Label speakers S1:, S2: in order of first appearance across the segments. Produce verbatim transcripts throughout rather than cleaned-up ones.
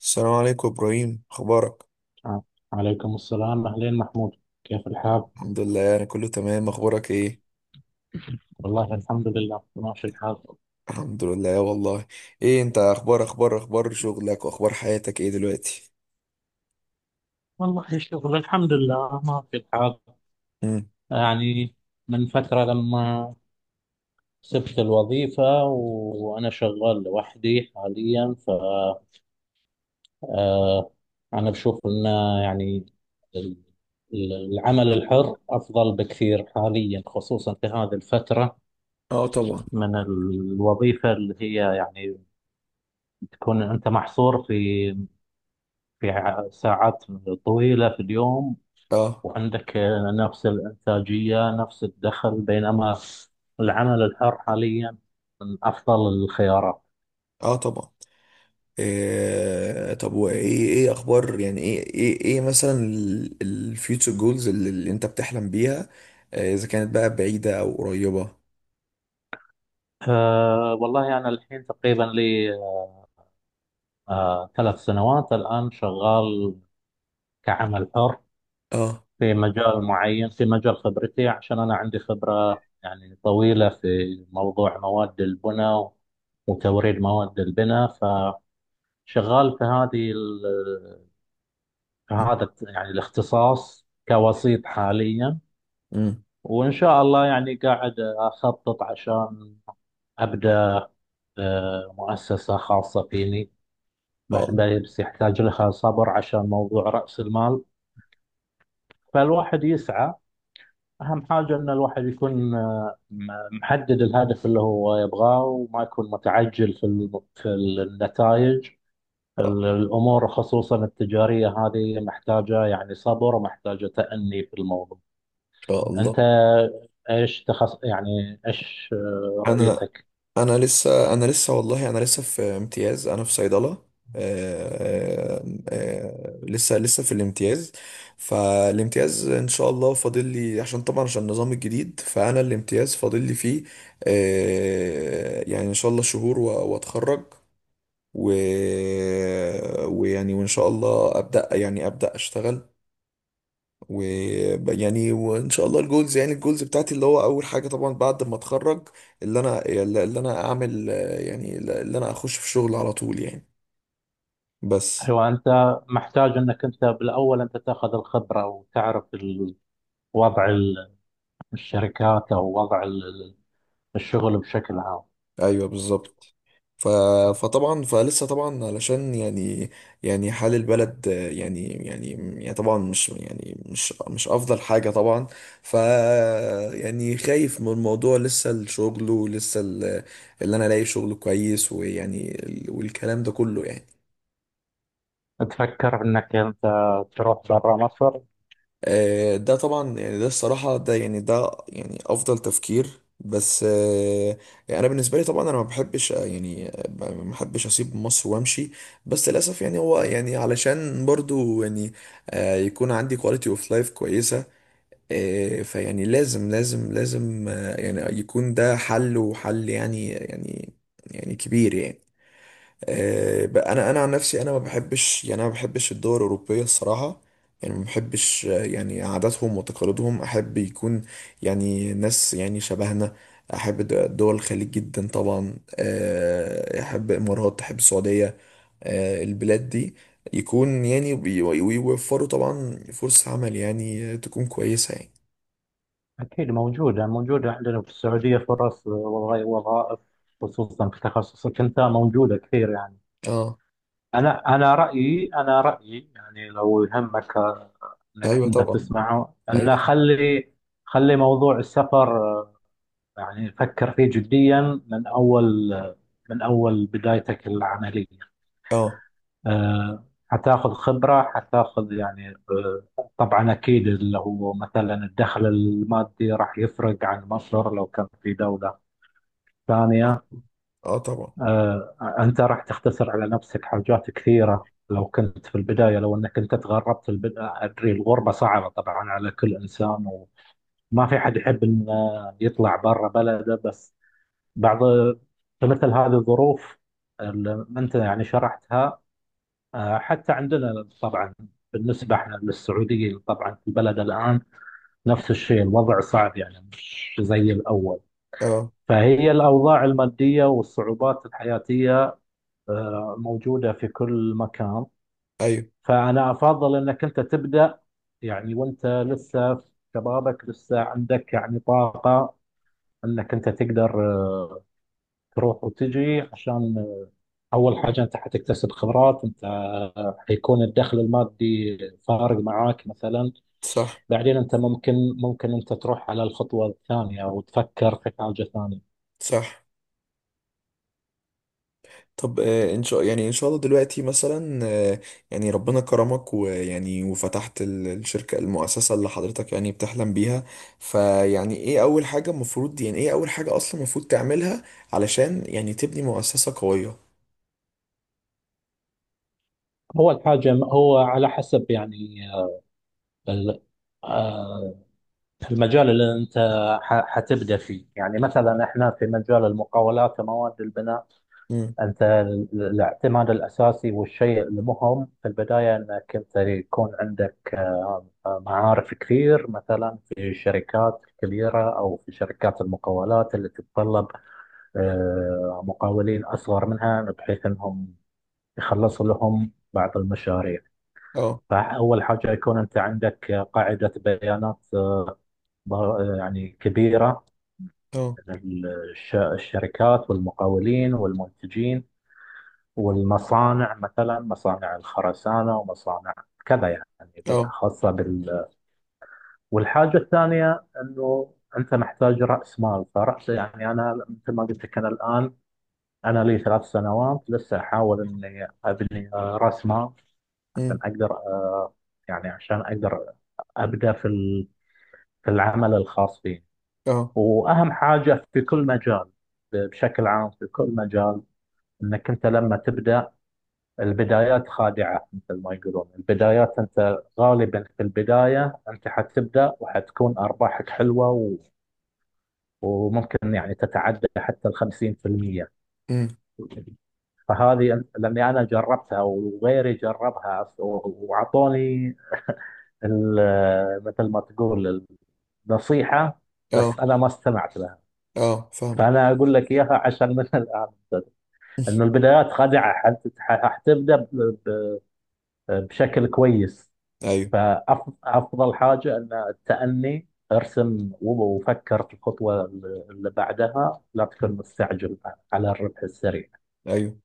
S1: السلام عليكم ابراهيم، اخبارك؟
S2: آه. عليكم السلام أهلين محمود، كيف الحال؟
S1: الحمد لله، انا كله تمام. اخبارك ايه؟
S2: والله الحمد لله ماشي الحال.
S1: الحمد لله والله. ايه انت، اخبار اخبار اخبار شغلك واخبار حياتك ايه دلوقتي؟
S2: والله الشغل الحمد لله ماشي الحال.
S1: امم.
S2: يعني من فترة لما سبت الوظيفة وأنا شغال لوحدي حاليا ف آه، أنا بشوف إن يعني ال- ال- العمل الحر أفضل بكثير حاليا خصوصا في هذه الفترة
S1: اه، طبعا.
S2: من الوظيفة اللي هي يعني تكون أنت محصور في في ع- ساعات طويلة في اليوم،
S1: اه.
S2: وعندك آه، نفس الإنتاجية نفس الدخل، بينما العمل الحر حاليا من أفضل الخيارات.
S1: اه، طبعا. إيه؟ طب وايه، ايه اخبار، يعني ايه ايه ايه مثلا الفيوتشر جولز اللي, اللي انت بتحلم بيها، آه، اذا كانت بقى بعيدة او قريبة؟
S2: أه والله أنا الحين تقريبا لي أه ثلاث سنوات الآن شغال كعمل حر
S1: اه.
S2: في مجال معين، في مجال خبرتي، عشان أنا عندي خبرة يعني طويلة في موضوع مواد البناء وتوريد مواد البناء. فشغال في هذه هذا يعني الاختصاص كوسيط حاليا.
S1: امم.
S2: وإن شاء الله يعني قاعد أخطط عشان أبدأ آه، مؤسسة خاصة فيني
S1: اه،
S2: بعد
S1: ان
S2: ما- بس يحتاج لها صبر عشان موضوع رأس المال. فالواحد يسعى، أهم حاجة إن الواحد يكون آه، م- محدد الهدف اللي هو يبغاه، وما يكون متعجل في الم- في النتائج.
S1: امم.
S2: الأمور خصوصا التجارية هذه محتاجة يعني صبر ومحتاجة تأني في الموضوع.
S1: شاء الله،
S2: انت
S1: ان
S2: ايش تخص يعني ايش آه،
S1: شاء الله انا.
S2: رؤيتك؟
S1: انا لسه انا لسه والله، انا لسه في امتياز. انا في صيدله. آه، آه، آه، لسه لسه في الامتياز. فالامتياز ان شاء الله فاضل لي، عشان طبعا عشان النظام الجديد، فانا الامتياز فاضل لي فيه. آه، يعني ان شاء الله شهور و- واتخرج. و... ويعني وان شاء الله ابدا يعني ابدا اشتغل. و يعني وان شاء الله الجولز، يعني الجولز بتاعتي اللي هو اول حاجه طبعا بعد ما اتخرج، اللي انا اللي اللي انا اعمل، آه، يعني اللي انا اخش في شغل على طول يعني. بس.
S2: هو انت محتاج انك انت بالاول انت تاخذ الخبره وتعرف ال- وضع ال- الشركات او وضع ال- الشغل بشكل عام.
S1: ايوه، بالظبط. ف... فطبعا، فلسه طبعا، علشان يعني، يعني حال البلد، آه، يعني يعني يعني طبعا مش، يعني، مش مش افضل حاجه طبعا. ف يعني خايف من الموضوع، لسه الشغل ولسه ال- اللي انا الاقي شغل كويس، ويعني ال- والكلام ده كله يعني.
S2: تفكر انك انت تروح برا مصر؟
S1: آه، ده طبعا يعني، ده الصراحة، ده يعني، ده يعني أفضل تفكير. بس، آه، يعني أنا بالنسبة لي طبعا، أنا ما بحبش، آه، يعني، آه، ما ما بحبش أسيب مصر وأمشي. بس للأسف يعني هو، يعني علشان برضو يعني آه، يكون عندي كواليتي أوف لايف كويسة. آه، فيعني لازم لازم لازم، آه، يعني يكون ده حل وحل يعني يعني، يعني كبير يعني. آه، بقى انا انا عن نفسي، انا ما بحبش، يعني انا ما بحبش الدول الاوروبيه الصراحه. يعني ما بحبش، آه، يعني عاداتهم وتقاليدهم. احب يكون يعني ناس يعني شبهنا. احب د- دول الخليج جدا طبعا. آه، احب الامارات، احب السعوديه. آه، البلاد دي يكون، يعني، بي- ويوفروا طبعا فرص عمل، يعني آه، تكون كويسه يعني.
S2: اكيد موجوده، موجوده عندنا في السعوديه فرص، والله وظائف، خصوصا في تخصصك انت موجوده كثير يعني.
S1: اه.
S2: انا انا رايي، انا رايي يعني لو يهمك انك
S1: ايوه،
S2: انت
S1: طبعا.
S2: تسمعه،
S1: ايوه،
S2: انه
S1: طبعا.
S2: خلي خلي موضوع السفر آه، يعني فكر فيه جديا من اول آه، من اول بدايتك العمليه.
S1: اه.
S2: آه، حتاخذ خبره، حتاخذ يعني آه، طبعا اكيد اللي هو مثلا الدخل المادي راح يفرق عن مصر لو كان في دوله ثانيه.
S1: اه، طبعا.
S2: آه، انت راح تختصر على نفسك حاجات كثيره لو كنت في البدايه، لو انك انت تغربت في البدايه. ادري الغربه صعبه طبعا على كل انسان، ما في حد يحب انه يطلع برا بلده، بس بعض فمثل هذه الظروف اللي انت يعني شرحتها. آه، حتى عندنا طبعا بالنسبه احنا للسعوديين طبعا في البلد الان نفس الشيء، الوضع صعب يعني مش زي الاول.
S1: اه.
S2: فهي الاوضاع الماديه والصعوبات الحياتيه آه، موجوده في كل مكان.
S1: ايوه.
S2: فانا افضل انك انت تبدا يعني وانت لسه في شبابك، لسه عندك يعني طاقه انك انت تقدر آه، تروح وتجي، عشان آه، اول حاجه انت حتكتسب خبرات، انت آه، حيكون الدخل المادي فارق معاك مثلا.
S1: صح.
S2: بعدين انت ممكن ممكن انت تروح على الخطوه الثانيه وتفكر في حاجه ثانيه.
S1: صح. طب، آه، ان شاء يعني ان شاء الله دلوقتي مثلا، آه، يعني ربنا كرمك، ويعني وفتحت ال- الشركة المؤسسة اللي حضرتك يعني بتحلم بيها. فيعني، ايه اول حاجة المفروض، يعني ايه اول حاجة اصلا المفروض تعملها علشان يعني تبني مؤسسة قوية؟
S2: اول حاجه هو على حسب يعني آه، ال- آه، المجال اللي انت ح- حتبدا فيه، يعني مثلا احنا في مجال المقاولات ومواد البناء.
S1: امم.
S2: أنت ال- الاعتماد الأساسي والشيء المهم في البداية أنك أنت يكون عندك آه، آه، معارف كثير، مثلا في الشركات الكبيرة أو في شركات المقاولات اللي تتطلب آه، مقاولين أصغر منها، بحيث أنهم يخلصوا لهم بعض المشاريع.
S1: اه.
S2: فأول حاجة يكون أنت عندك قاعدة بيانات آه، ض- يعني كبيرة
S1: اه.
S2: من الش- الشركات والمقاولين والمنتجين والمصانع، مثلا مصانع الخرسانة ومصانع كذا يعني، اللي هي
S1: اه.
S2: خاصة بال. والحاجة الثانية أنه أنت محتاج رأس مال. فرأس يعني أنا مثل ما قلت لك، أنا الآن أنا لي ثلاث سنوات لسه أحاول أني أبني آه، رأس مال عشان
S1: امم.
S2: أقدر آه، يعني عشان أقدر أبدأ في ال- في العمل الخاص فيني.
S1: اه.
S2: وأهم حاجة في كل مجال بشكل عام، في كل مجال، أنك أنت لما تبدأ، البدايات خادعة مثل ما يقولون. البدايات أنت غالبا في البداية أنت حتبدأ وحتكون أرباحك حلوة و... وممكن يعني تتعدى حتى الخمسين في المية.
S1: امم.
S2: فهذه أن- لأني أنا جربتها وغيري جربها و- وعطوني ال- مثل ما تقول النصيحة،
S1: اه.
S2: بس أنا ما استمعت لها.
S1: اه، فاهمة.
S2: فأنا أقول لك إياها عشان من الآن، أنه البدايات خادعة. حت- حتبدأ ب- ب- بشكل كويس.
S1: ايوه.
S2: فأفضل حاجة أن التأني، ارسم وفكر في الخطوة اللي بعدها، لا تكون مستعجل على الربح السريع.
S1: ايوه.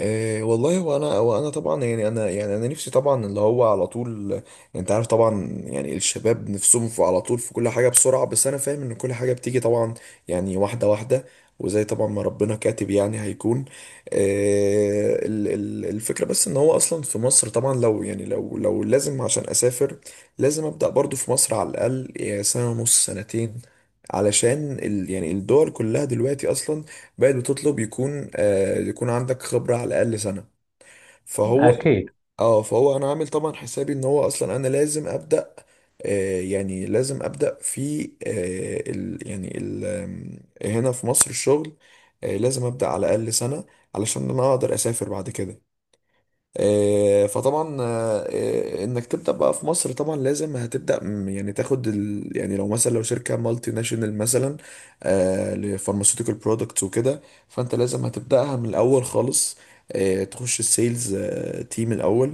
S1: إيه والله، وانا وانا طبعا يعني، انا يعني انا نفسي طبعا اللي هو على طول يعني. انت عارف، طبعا يعني الشباب نفسهم في على طول في كل حاجه بسرعه، بس انا فاهم ان كل حاجه بتيجي طبعا، يعني واحده واحده، وزي طبعا ما ربنا كاتب يعني هيكون. إيه ال- ال- الفكره، بس ان هو اصلا في مصر طبعا، لو يعني لو لو لازم عشان اسافر، لازم ابدا برضو في مصر على الاقل يعني سنه ونص، سنتين. علشان ال يعني الدول كلها دلوقتي اصلا بقت بتطلب يكون آه يكون عندك خبرة على الأقل سنة. فهو بالظبط.
S2: أكيد.
S1: اه، فهو انا عامل طبعا حسابي ان هو اصلا انا لازم ابدا، آه يعني لازم ابدا في، آه ال يعني ال آم، هنا في مصر الشغل. آه لازم ابدا على الاقل سنه، علشان انا اقدر اسافر بعد كده. آه، فطبعا آه، آه، انك تبدا بقى في مصر، طبعا لازم هتبدا م- يعني تاخد ال... يعني لو مثلا لو شركه مالتي ناشونال مثلا لفارماسيوتيكال برودكتس وكده، فانت لازم هتبداها من الاول خالص. آه، تخش السيلز تيم الاول،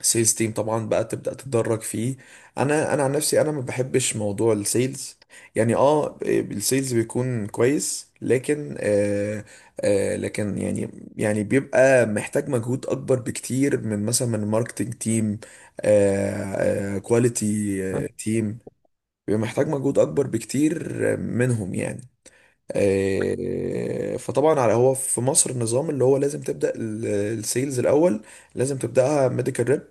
S1: سيلز تيم طبعا بقى تبدأ تتدرج فيه. انا انا عن نفسي، انا ما بحبش موضوع السيلز. يعني اه، السيلز بيكون كويس لكن، آه آه لكن يعني، يعني بيبقى محتاج مجهود اكبر بكتير من، مثلا، من ماركتنج تيم، آه كواليتي تيم. بيبقى محتاج مجهود اكبر بكتير منهم يعني. آه، فطبعا، على هو في مصر، النظام اللي هو لازم تبدأ السيلز الاول، لازم تبدأها ميديكال ريب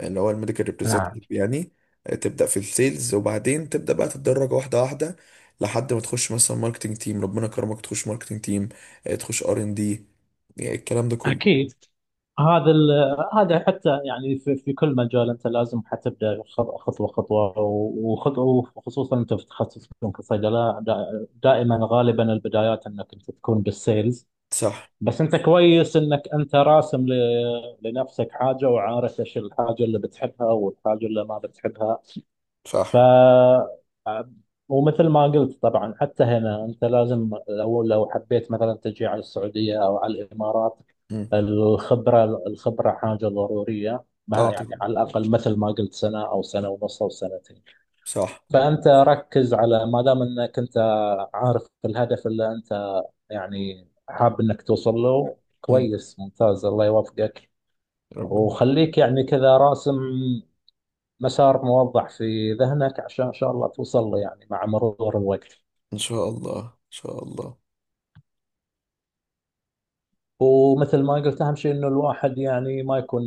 S1: اللي هو الميديكال
S2: نعم.
S1: ريبريزنتيف يعني. آه، تبدا في السيلز وبعدين تبدا بقى تتدرج واحده واحده، لحد ما تخش مثلا ماركتنج تيم، ربنا كرمك تخش ماركتنج تيم، تخش ار ان دي، الكلام ده كله.
S2: اكيد. هذا ال- هذا حتى يعني في, في كل مجال، انت لازم حتبدا خ- خطوه خطوه وخطوه، وخصوصا انت في تخصصكم كصيدله دا- دائما غالبا البدايات انك انت تكون بالسيلز.
S1: صح.
S2: بس انت كويس انك انت راسم ل- لنفسك حاجه، وعارف ايش الحاجه اللي بتحبها والحاجه اللي ما بتحبها. ف
S1: صح.
S2: ومثل ما قلت طبعا حتى هنا انت لازم لو لو حبيت مثلا تجي على السعوديه او على الامارات،
S1: مم.
S2: الخبره الخبره حاجه ضروريه، ما
S1: اه،
S2: يعني
S1: طبعا.
S2: على الاقل مثل ما قلت سنه او سنه ونص او سنتين.
S1: صح.
S2: فانت ركز، على ما دام انك انت عارف الهدف اللي انت يعني حاب انك توصل له،
S1: مم.
S2: كويس ممتاز، الله يوفقك.
S1: ربنا.
S2: وخليك يعني كذا راسم مسار موضح في ذهنك عشان ان شاء الله توصل له يعني مع مرور الوقت.
S1: ان شاء الله. ان شاء الله.
S2: ومثل ما قلت اهم شيء انه الواحد يعني ما يكون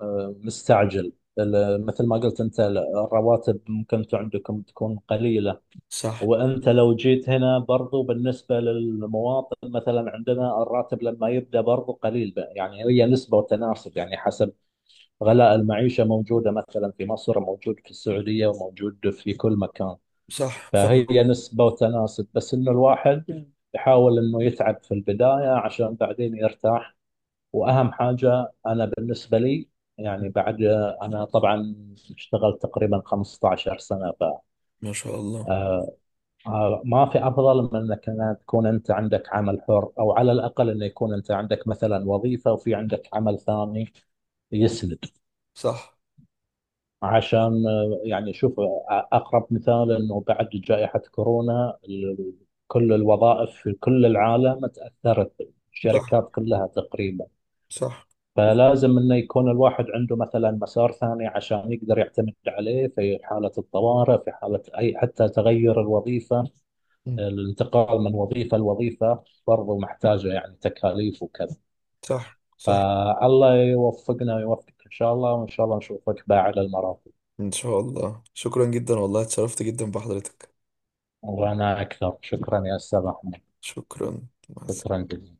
S2: آه، مستعجل. ال- مثل ما قلت انت ال- الرواتب ممكن انتم عندكم تكون قليلة،
S1: صح.
S2: وانت لو جيت هنا برضو بالنسبة للمواطن مثلا عندنا الراتب لما يبدأ برضو قليل بقى. يعني هي نسبة وتناسب، يعني حسب غلاء المعيشة، موجودة مثلا في مصر، موجود في السعودية، وموجود في كل مكان.
S1: صح، فاهم.
S2: فهي نسبة وتناسب، بس إنه الواحد يحاول إنه يتعب في البداية عشان بعدين يرتاح. وأهم حاجة أنا بالنسبة لي يعني بعد، أنا طبعا اشتغلت تقريبا 15 سنة،
S1: ما شاء الله.
S2: فما في أفضل من إنك أنا تكون أنت عندك عمل حر، أو على الأقل إنه يكون أنت عندك مثلا وظيفة وفي عندك عمل ثاني يسند،
S1: صح.
S2: عشان آه، يعني شوف آه، أقرب مثال أنه بعد جائحة كورونا ال- كل الوظائف في كل العالم تأثرت،
S1: صح.
S2: الشركات كلها تقريبا.
S1: صح.
S2: فلازم أنه يكون الواحد عنده مثلا مسار ثاني عشان يقدر يعتمد عليه في حالة الطوارئ، في حالة أي حتى تغير الوظيفة.
S1: مم.
S2: الانتقال من وظيفة لوظيفة برضو محتاجة يعني تكاليف وكذا.
S1: صح. صح.
S2: فالله يوفقنا ويوفقك إن شاء الله، وإن شاء الله نشوفك بقى على المرافق.
S1: ان شاء الله. شكرا جدا والله، اتشرفت جدا بحضرتك.
S2: وأنا أكثر شكرا يا أستاذ أحمد.
S1: شكرا. مع السلامه.
S2: شكرا جزيلا.